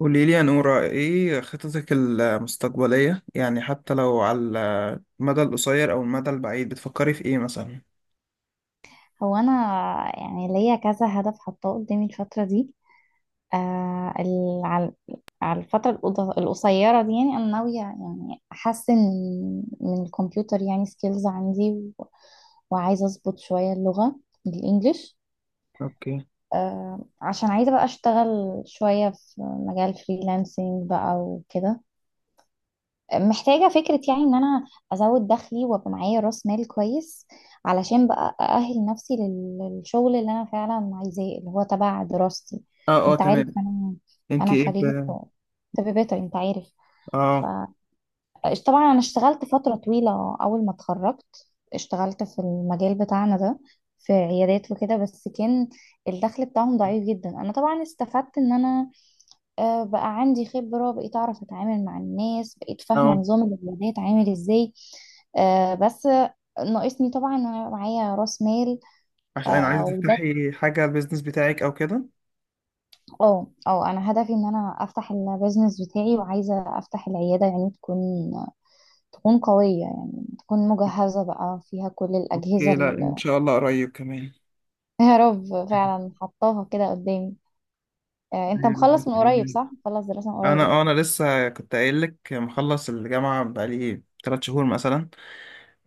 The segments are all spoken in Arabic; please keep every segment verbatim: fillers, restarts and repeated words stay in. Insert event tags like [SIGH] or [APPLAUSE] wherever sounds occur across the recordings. قولي لي يا نورة، ايه خططك المستقبلية يعني حتى لو على المدى القصير او المدى البعيد، بتفكري في ايه مثلا؟ هو انا يعني ليا كذا هدف حاطاه قدامي الفتره دي. آه ال- على على الفتره القض- القصيره دي، يعني انا ناويه يعني احسن من الكمبيوتر يعني سكيلز عندي، و- وعايزه اظبط شويه اللغه الانجليش. اوكي. آه عشان عايزه بقى اشتغل شويه في مجال فريلانسنج بقى وكده، محتاجة فكرة يعني ان انا ازود دخلي وابقى معايا راس مال كويس، علشان بقى اأهل نفسي لل- للشغل اللي انا فعلا عايزاه، اللي هو تبع دراستي. اه، اه، انت عارف، تمام. انا انت انا ايه ب... خريجة طب بيطري، انت عارف. ف اه، طبعا انا اشتغلت فترة طويلة اول ما اتخرجت، اشتغلت في المجال بتاعنا ده، في عيادات وكده، بس كان الدخل بتاعهم ضعيف جدا. انا طبعا استفدت ان انا آه، بقى عندي خبرة، بقيت أعرف أتعامل مع الناس، بقيت فاهمة اه، نظام العيادات عامل إزاي. آه، بس ناقصني طبعا إن أنا معايا رأس مال. عشان عايزة آه، وده تفتحي حاجة البيزنس بتاعك او كده؟ اه، اه، أنا هدفي إن أنا أفتح البيزنس بتاعي، وعايزة أفتح العيادة يعني تكون تكون قوية يعني، تكون مجهزة بقى فيها كل الأجهزة اوكي، لا ان ال- شاء الله قريب كمان. [LAUGHS] يا رب [LAUGHS] فعلا حطاها كده قدامي. آه، أنت أيوة، بإذن مخلص من قريب الله. صح؟ مخلص دراسة من انا قريب؟ اه انا لسه كنت قايل لك مخلص الجامعة بقالي ثلاثة شهور مثلا،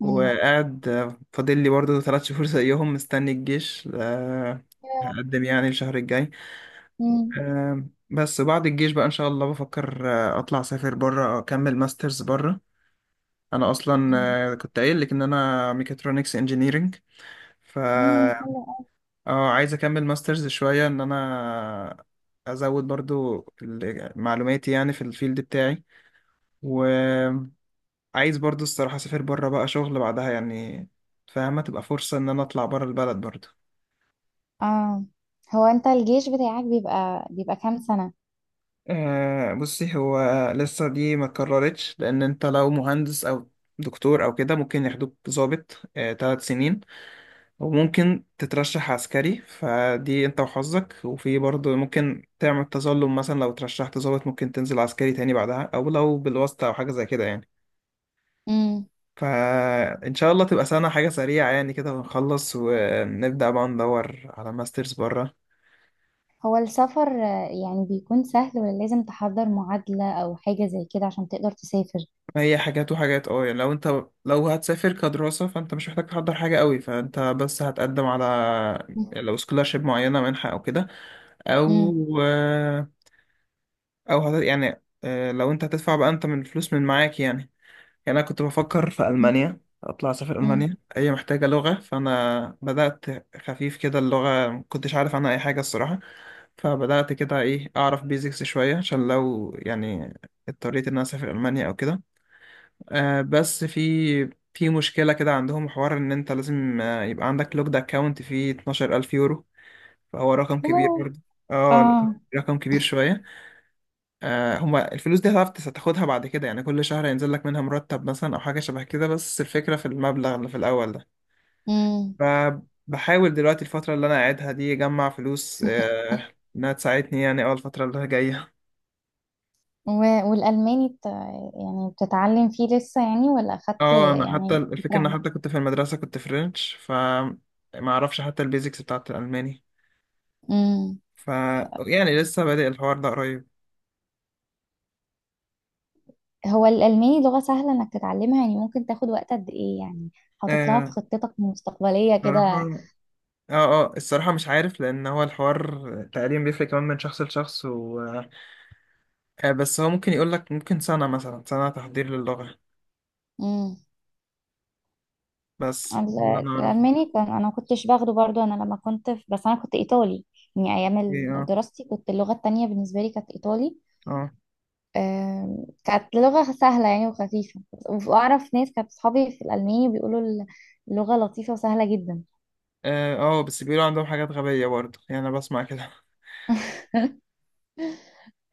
مم. وقاعد آه، فاضل لي برضه ثلاث شهور زيهم مستني الجيش، آه، هقدم يعني الشهر الجاي. مم. آه، بس بعد الجيش بقى إن شاء الله بفكر آه، أطلع أسافر بره أكمل ماسترز بره. أنا أصلا مم. آه، كنت قايل لك إن أنا ميكاترونكس انجينيرينج ف مم. اه عايز أكمل ماسترز شوية إن أنا أزود برضو ال- معلوماتي يعني في الفيلد بتاعي. عايز برضو الصراحة أسافر برا بقى شغل بعدها يعني، فاهمة؟ تبقى فرصة إن أنا أطلع برا البلد برضو. اه، هو انت الجيش بتاعك بيبقى بيبقى كام سنة؟ أه بصي، هو لسه دي ما اتكررتش لأن أنت لو مهندس أو دكتور أو كده ممكن ياخدوك ضابط أه تلات سنين، وممكن تترشح عسكري، فدي أنت وحظك، وفي برضو ممكن تعمل تظلم مثلا لو ترشحت ضابط ممكن تنزل عسكري تاني بعدها، أو لو بالواسطة أو حاجة زي كده يعني. امم. فإن شاء الله تبقى سنة، حاجة سريعة يعني كده، ونخلص ونبدأ بقى ندور على ماسترز بره. هو السفر آه، يعني بيكون سهل، ولا لازم تحضر معادلة او حاجة زي كده عشان تقدر تسافر؟ هي حاجات وحاجات، اه يعني لو انت لو هتسافر كدراسة فانت مش محتاج تحضر حاجة قوي، فانت بس هتقدم على، يعني لو سكولارشيب معينة منحة او كده امم. او او هت... يعني آه، لو انت هتدفع بقى انت من فلوس من معاك يعني. يعني انا كنت بفكر في مم. المانيا اطلع اسافر امم. المانيا، هي محتاجه لغه فانا بدات خفيف كده اللغه، ما كنتش عارف عنها اي حاجه الصراحه. فبدأت كده إيه أعرف بيزكس شوية عشان لو يعني اضطريت إن أنا أسافر ألمانيا أو كده. آه بس في في مشكلة كده، عندهم حوار إن أنت لازم آه يبقى عندك لوكد أكاونت فيه 12000 يورو، فهو رقم كبير برضه. اه اه. رقم كبير شوية. آه هما الفلوس دي هتعرف تس- تاخدها بعد كده، يعني كل شهر هينزل لك منها مرتب مثلا أو حاجة شبه كده، بس الفكرة في المبلغ اللي في الأول ده. امم. فبحاول دلوقتي الفترة اللي أنا قاعدها دي أجمع فلوس [LAUGHS] آه إنها تساعدني يعني أول الفترة اللي جاية. و- والألماني بت... يعني بتتعلم فيه لسه يعني، ولا أخدت اه انا حتى يعني فكرة الفكره ان عنه؟ حتى كنت في المدرسه كنت فرنش ف ما اعرفش حتى البيزكس بتاعت الالماني امم. ف يعني لسه بادئ الحوار ده قريب. هو الألماني لغة سهلة إنك تتعلمها؟ يعني ممكن تاخد وقت قد إيه يعني، حاطط لها في آه خطتك المستقبلية الصراحه كده؟ اه اه الصراحه مش عارف لان هو الحوار تقريبا بيفرق كمان من شخص لشخص و... آه بس هو ممكن يقول لك ممكن سنه مثلا سنه تحضير للغه، بس ده اللي ال- انا اعرفه. الألماني كان، أنا ما كنتش باخده برضو، أنا لما كنت في، بس أنا كنت إيطالي. يعني أيام ايه، ال- اه، دراستي كنت، اللغة التانية بالنسبة لي كانت إيطالي. اه، آم، كانت لغة سهلة يعني وخفيفة، وأعرف ناس كانت صحابي في الألماني بيقولوا ال- اللغة لطيفة وسهلة جدا. اه. آه، بس بيقولوا عندهم حاجات غبيه برضه يعني انا بسمع كده. [LAUGHS]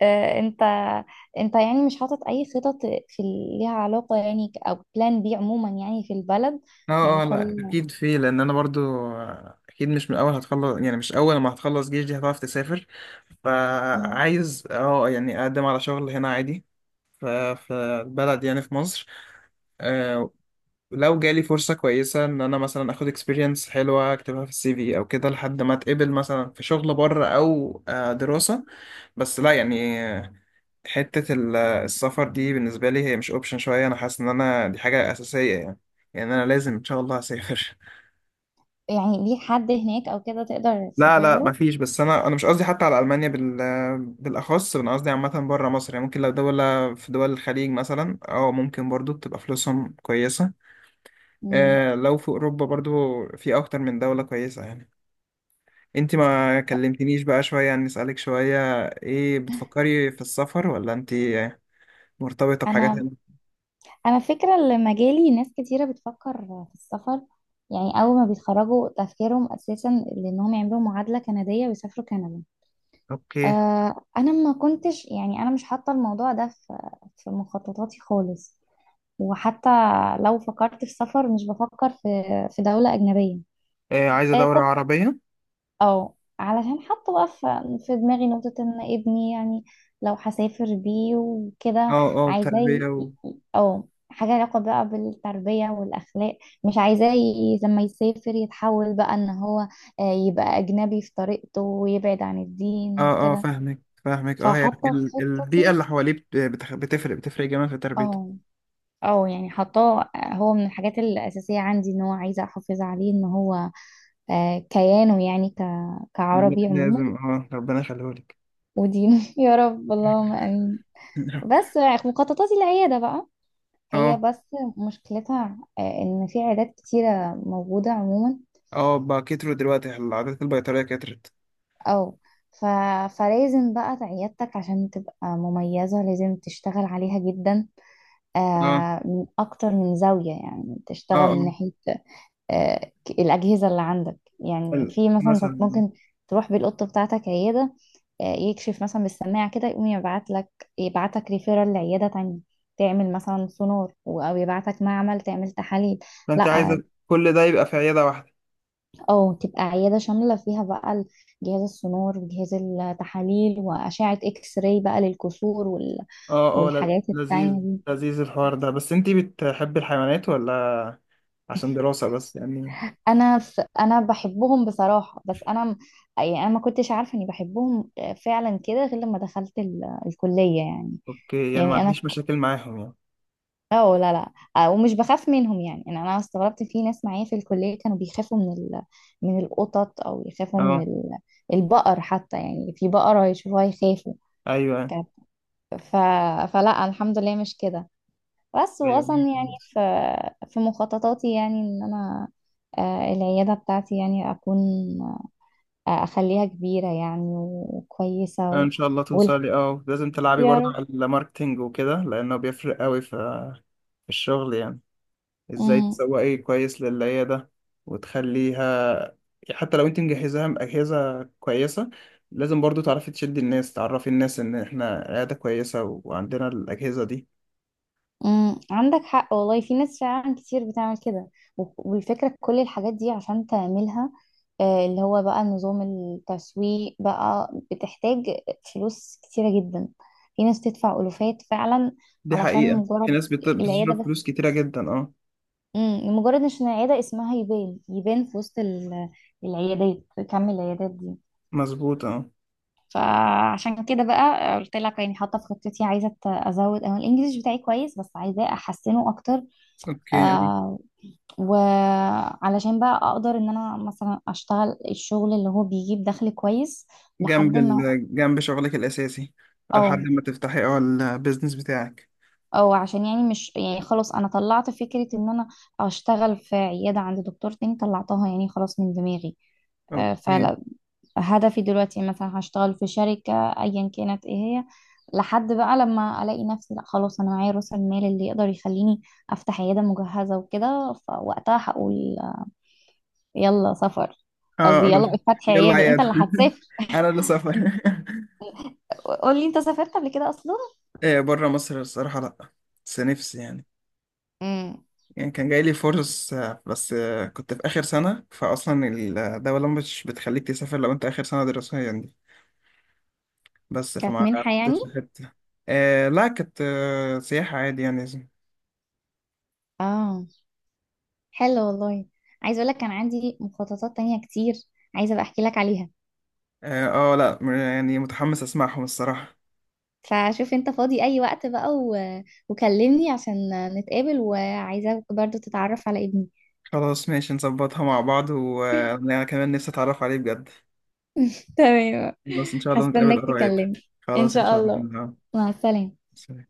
آه، أنت أنت يعني مش حاطط أي خطط في ال- ليها علاقة يعني، ك- أو بلان بي عموما يعني في البلد؟ اه، يعني اه، لا كل. اكيد في، لان انا برضو اكيد مش من اول هتخلص، يعني مش اول ما هتخلص جيش دي هتعرف تسافر. مم. فعايز اه يعني اقدم على شغل هنا عادي، ف- في البلد يعني في مصر. آه، لو جالي فرصة كويسة ان انا مثلا اخد اكسبيرينس حلوة اكتبها في السي في او كده، لحد ما اتقبل مثلا في شغل بره او آه، دراسة. بس لا يعني، آه، حتة ال- السفر دي بالنسبة لي هي مش اوبشن شوية، انا حاسس ان انا دي حاجة اساسية يعني. يعني انا لازم ان شاء الله اسافر. يعني ليك حد هناك أو كده تقدر لا، تسافر لا، له؟ مفيش، بس انا انا مش قصدي حتى على المانيا بال بالاخص، انا قصدي عامه بره مصر يعني، ممكن لو دوله في دول الخليج مثلا اه ممكن برضو بتبقى فلوسهم كويسه. مم. آه لو في اوروبا برضو في اكتر من دوله كويسه يعني. انت ما كلمتنيش بقى شويه، عن نسالك شويه، ايه بتفكري في السفر ولا انت مرتبطه بحاجات أنا هنا؟ انا فكرة اللي مجالي ناس كتيرة بتفكر في السفر، يعني اول ما بيتخرجوا تفكيرهم اساسا، لانهم يعملوا معادلة كندية ويسافروا كندا. اوكي، آه انا ما كنتش يعني، انا مش حاطة الموضوع ده في في مخططاتي خالص. وحتى لو فكرت في سفر مش بفكر في في دولة اجنبية. آه عايزه آه، دوله عربيه. اه، علشان حاطه بقى ف- في دماغي نقطة ان ابني يعني، لو هسافر بيه وكده، اه، اه، عايزاه تربيه ي- و... ي- اه، حاجة علاقة بقى بالتربية والأخلاق. مش عايزاه ي- لما يسافر يتحول بقى ان هو آه، يبقى أجنبي في طريقته ويبعد عن الدين اه، اه، وكده، فاهمك فاهمك، اه هي فحاطة في ال- البيئه خطتي. اللي حواليه بت- بتخ- بتفرق بتفرق جامد في تربيته. اه، اه، يعني حاطاه آه، هو من الحاجات الأساسية عندي، ان هو عايزة أحافظ عليه ان هو آه، كيانه يعني ك... كعربي لا- عموما، لازم، اه ربنا يخليهولك. ودين. [LAUGHS] يا رب، اللهم امين. [LAUGHS] بس مخططاتي العياده بقى، هي اه، بس مشكلتها آه، ان في عيادات كتيره موجوده عموما. اه، بقى كتروا دلوقتي العادات البيطرية كترت. او ف... فلازم بقى عيادتك عشان تبقى مميزه لازم تشتغل عليها جدا، اه، آه، من اكتر من زاويه، يعني اه، تشتغل من اه، ناحيه آه، الأجهزة اللي عندك. يعني ال- في مثلا انت مثلا، ممكن تروح بالقطة بتاعتك عيادة آه، يكشف مثلا بالسماعة كده، يقوم يبعت لك يبعت لك ريفيرال لعيادة تانية تعمل مثلا سونار، و- أو يبعتك معمل تعمل تحاليل. لا، فانت عايزة كل ده يبقى في عيادة واحدة؟ أو تبقى عيادة شاملة فيها بقى ال- جهاز السونار وجهاز التحاليل وأشعة إكس راي بقى للكسور، وال- اه، اه، ل- والحاجات لذيذ. التانية دي. لذيذ الحوار ده، بس انتي بتحبي الحيوانات ولا عشان دراسة بس يعني؟ انا ف... انا بحبهم بصراحه، بس انا م- يعني انا ما كنتش عارفه اني بحبهم فعلا كده، غير لما دخلت ال... الكليه يعني. اوكي، يعني ما يعني انا، عندكيش مشاكل معاهم يعني؟ اه، لا، لا، آه، ومش بخاف منهم. يعني انا انا استغربت في ناس معايا في الكليه كانوا بيخافوا من ال... من القطط، او يخافوا من اه، ال... البقر حتى، يعني في بقره يشوفوها يخافوا. ايوه، كانت- ف... فلا الحمد لله مش كده. بس ايوه، واصلا يعني كويس. في في مخططاتي يعني ان انا آه، العياده بتاعتي يعني اكون اخليها كبيرة يعني وكويسة آه، و... ان شاء الله وال- توصلي، اه لازم تلعبي يا برضه رب. على الماركتينج وكده لانه بيفرق قوي في في الشغل يعني، ازاي امم. تسوقي كويس للعيادة وتخليها، حتى لو انت مجهزاها بأجهزة كويسة لازم برضو تعرفي تشدي الناس، تعرفي الناس ان احنا عيادة كويسة وعندنا الأجهزة دي. امم. عندك حق والله، في ناس فعلا كتير بتعمل كده. و- والفكرة كل الحاجات دي عشان تعملها آه، اللي هو بقى نظام التسويق بقى، بتحتاج فلوس كتيرة جدا. في ناس تدفع ألوفات فعلا، دي علشان حقيقة، في مجرد ناس بت- العيادة بتصرف فلوس بس. كتيرة جدا، اه. امم، لمجرد عشان العيادة اسمها يبان يبان في وسط ال- العيادات، كم العيادات دي. مظبوط، اه، فعشان كده بقى، آه، قلت لك يعني حاطه في خطتي، عايزه أت- ازود او الانجليش بتاعي كويس، بس عايزاه احسنه اكتر. اوكي، اه. آه وعلشان بقى اقدر ان انا مثلا اشتغل الشغل اللي هو بيجيب دخل كويس جنب لحد ما، ال... جنب شغلك الأساسي، لحد او ما تفتحي اه البيزنس بتاعك. او عشان يعني، مش يعني خلاص انا طلعت فكره ان انا اشتغل في عياده عند دكتور تاني، طلعتها يعني خلاص من دماغي. آه، اوكي، فلا، هدفي دلوقتي مثلا هشتغل في شركة ايا كانت ايه هي، لحد بقى لما الاقي نفسي، لا خلاص انا معايا راس المال اللي يقدر يخليني افتح عيادة مجهزة وكده، فوقتها هقول يلا سفر. قصدي اه، يلا اه، فتح يلا عيادة، انت عيادة. اللي هتسافر. [LAUGHS] انا اللي انت، سافر. قول لي انت سافرت قبل كده اصلا؟ [LAUGHS] ايه، بره مصر الصراحة لا، بس نفسي يعني. امم. يعني كان جاي لي فرص، آه، بس آه، كنت في آخر سنة، فأصلا الدولة مش بتخليك تسافر لو أنت آخر سنة دراسية يعني دي. بس كانت فما منحة حطيت يعني؟ في حتة. آه لا، كانت آه سياحة عادي يعني. اه، حلو والله. عايزة اقول لك كان عندي مخططات تانية كتير، عايزة ابقى احكي لك عليها. آه, آه لا، م- يعني متحمس أسمعهم الصراحة. فشوف انت فاضي اي وقت بقى، و... وكلمني عشان نتقابل، وعايزاك برضو تتعرف على ابني. خلاص، ماشي، نظبطها مع بعض، وأنا كمان نفسي أتعرف عليه بجد. تمام، خلاص إن شاء الله نتقابل هستناك قريب. تكلمني، ان خلاص إن شاء شاء الله، الله. مع السلامة. سلام.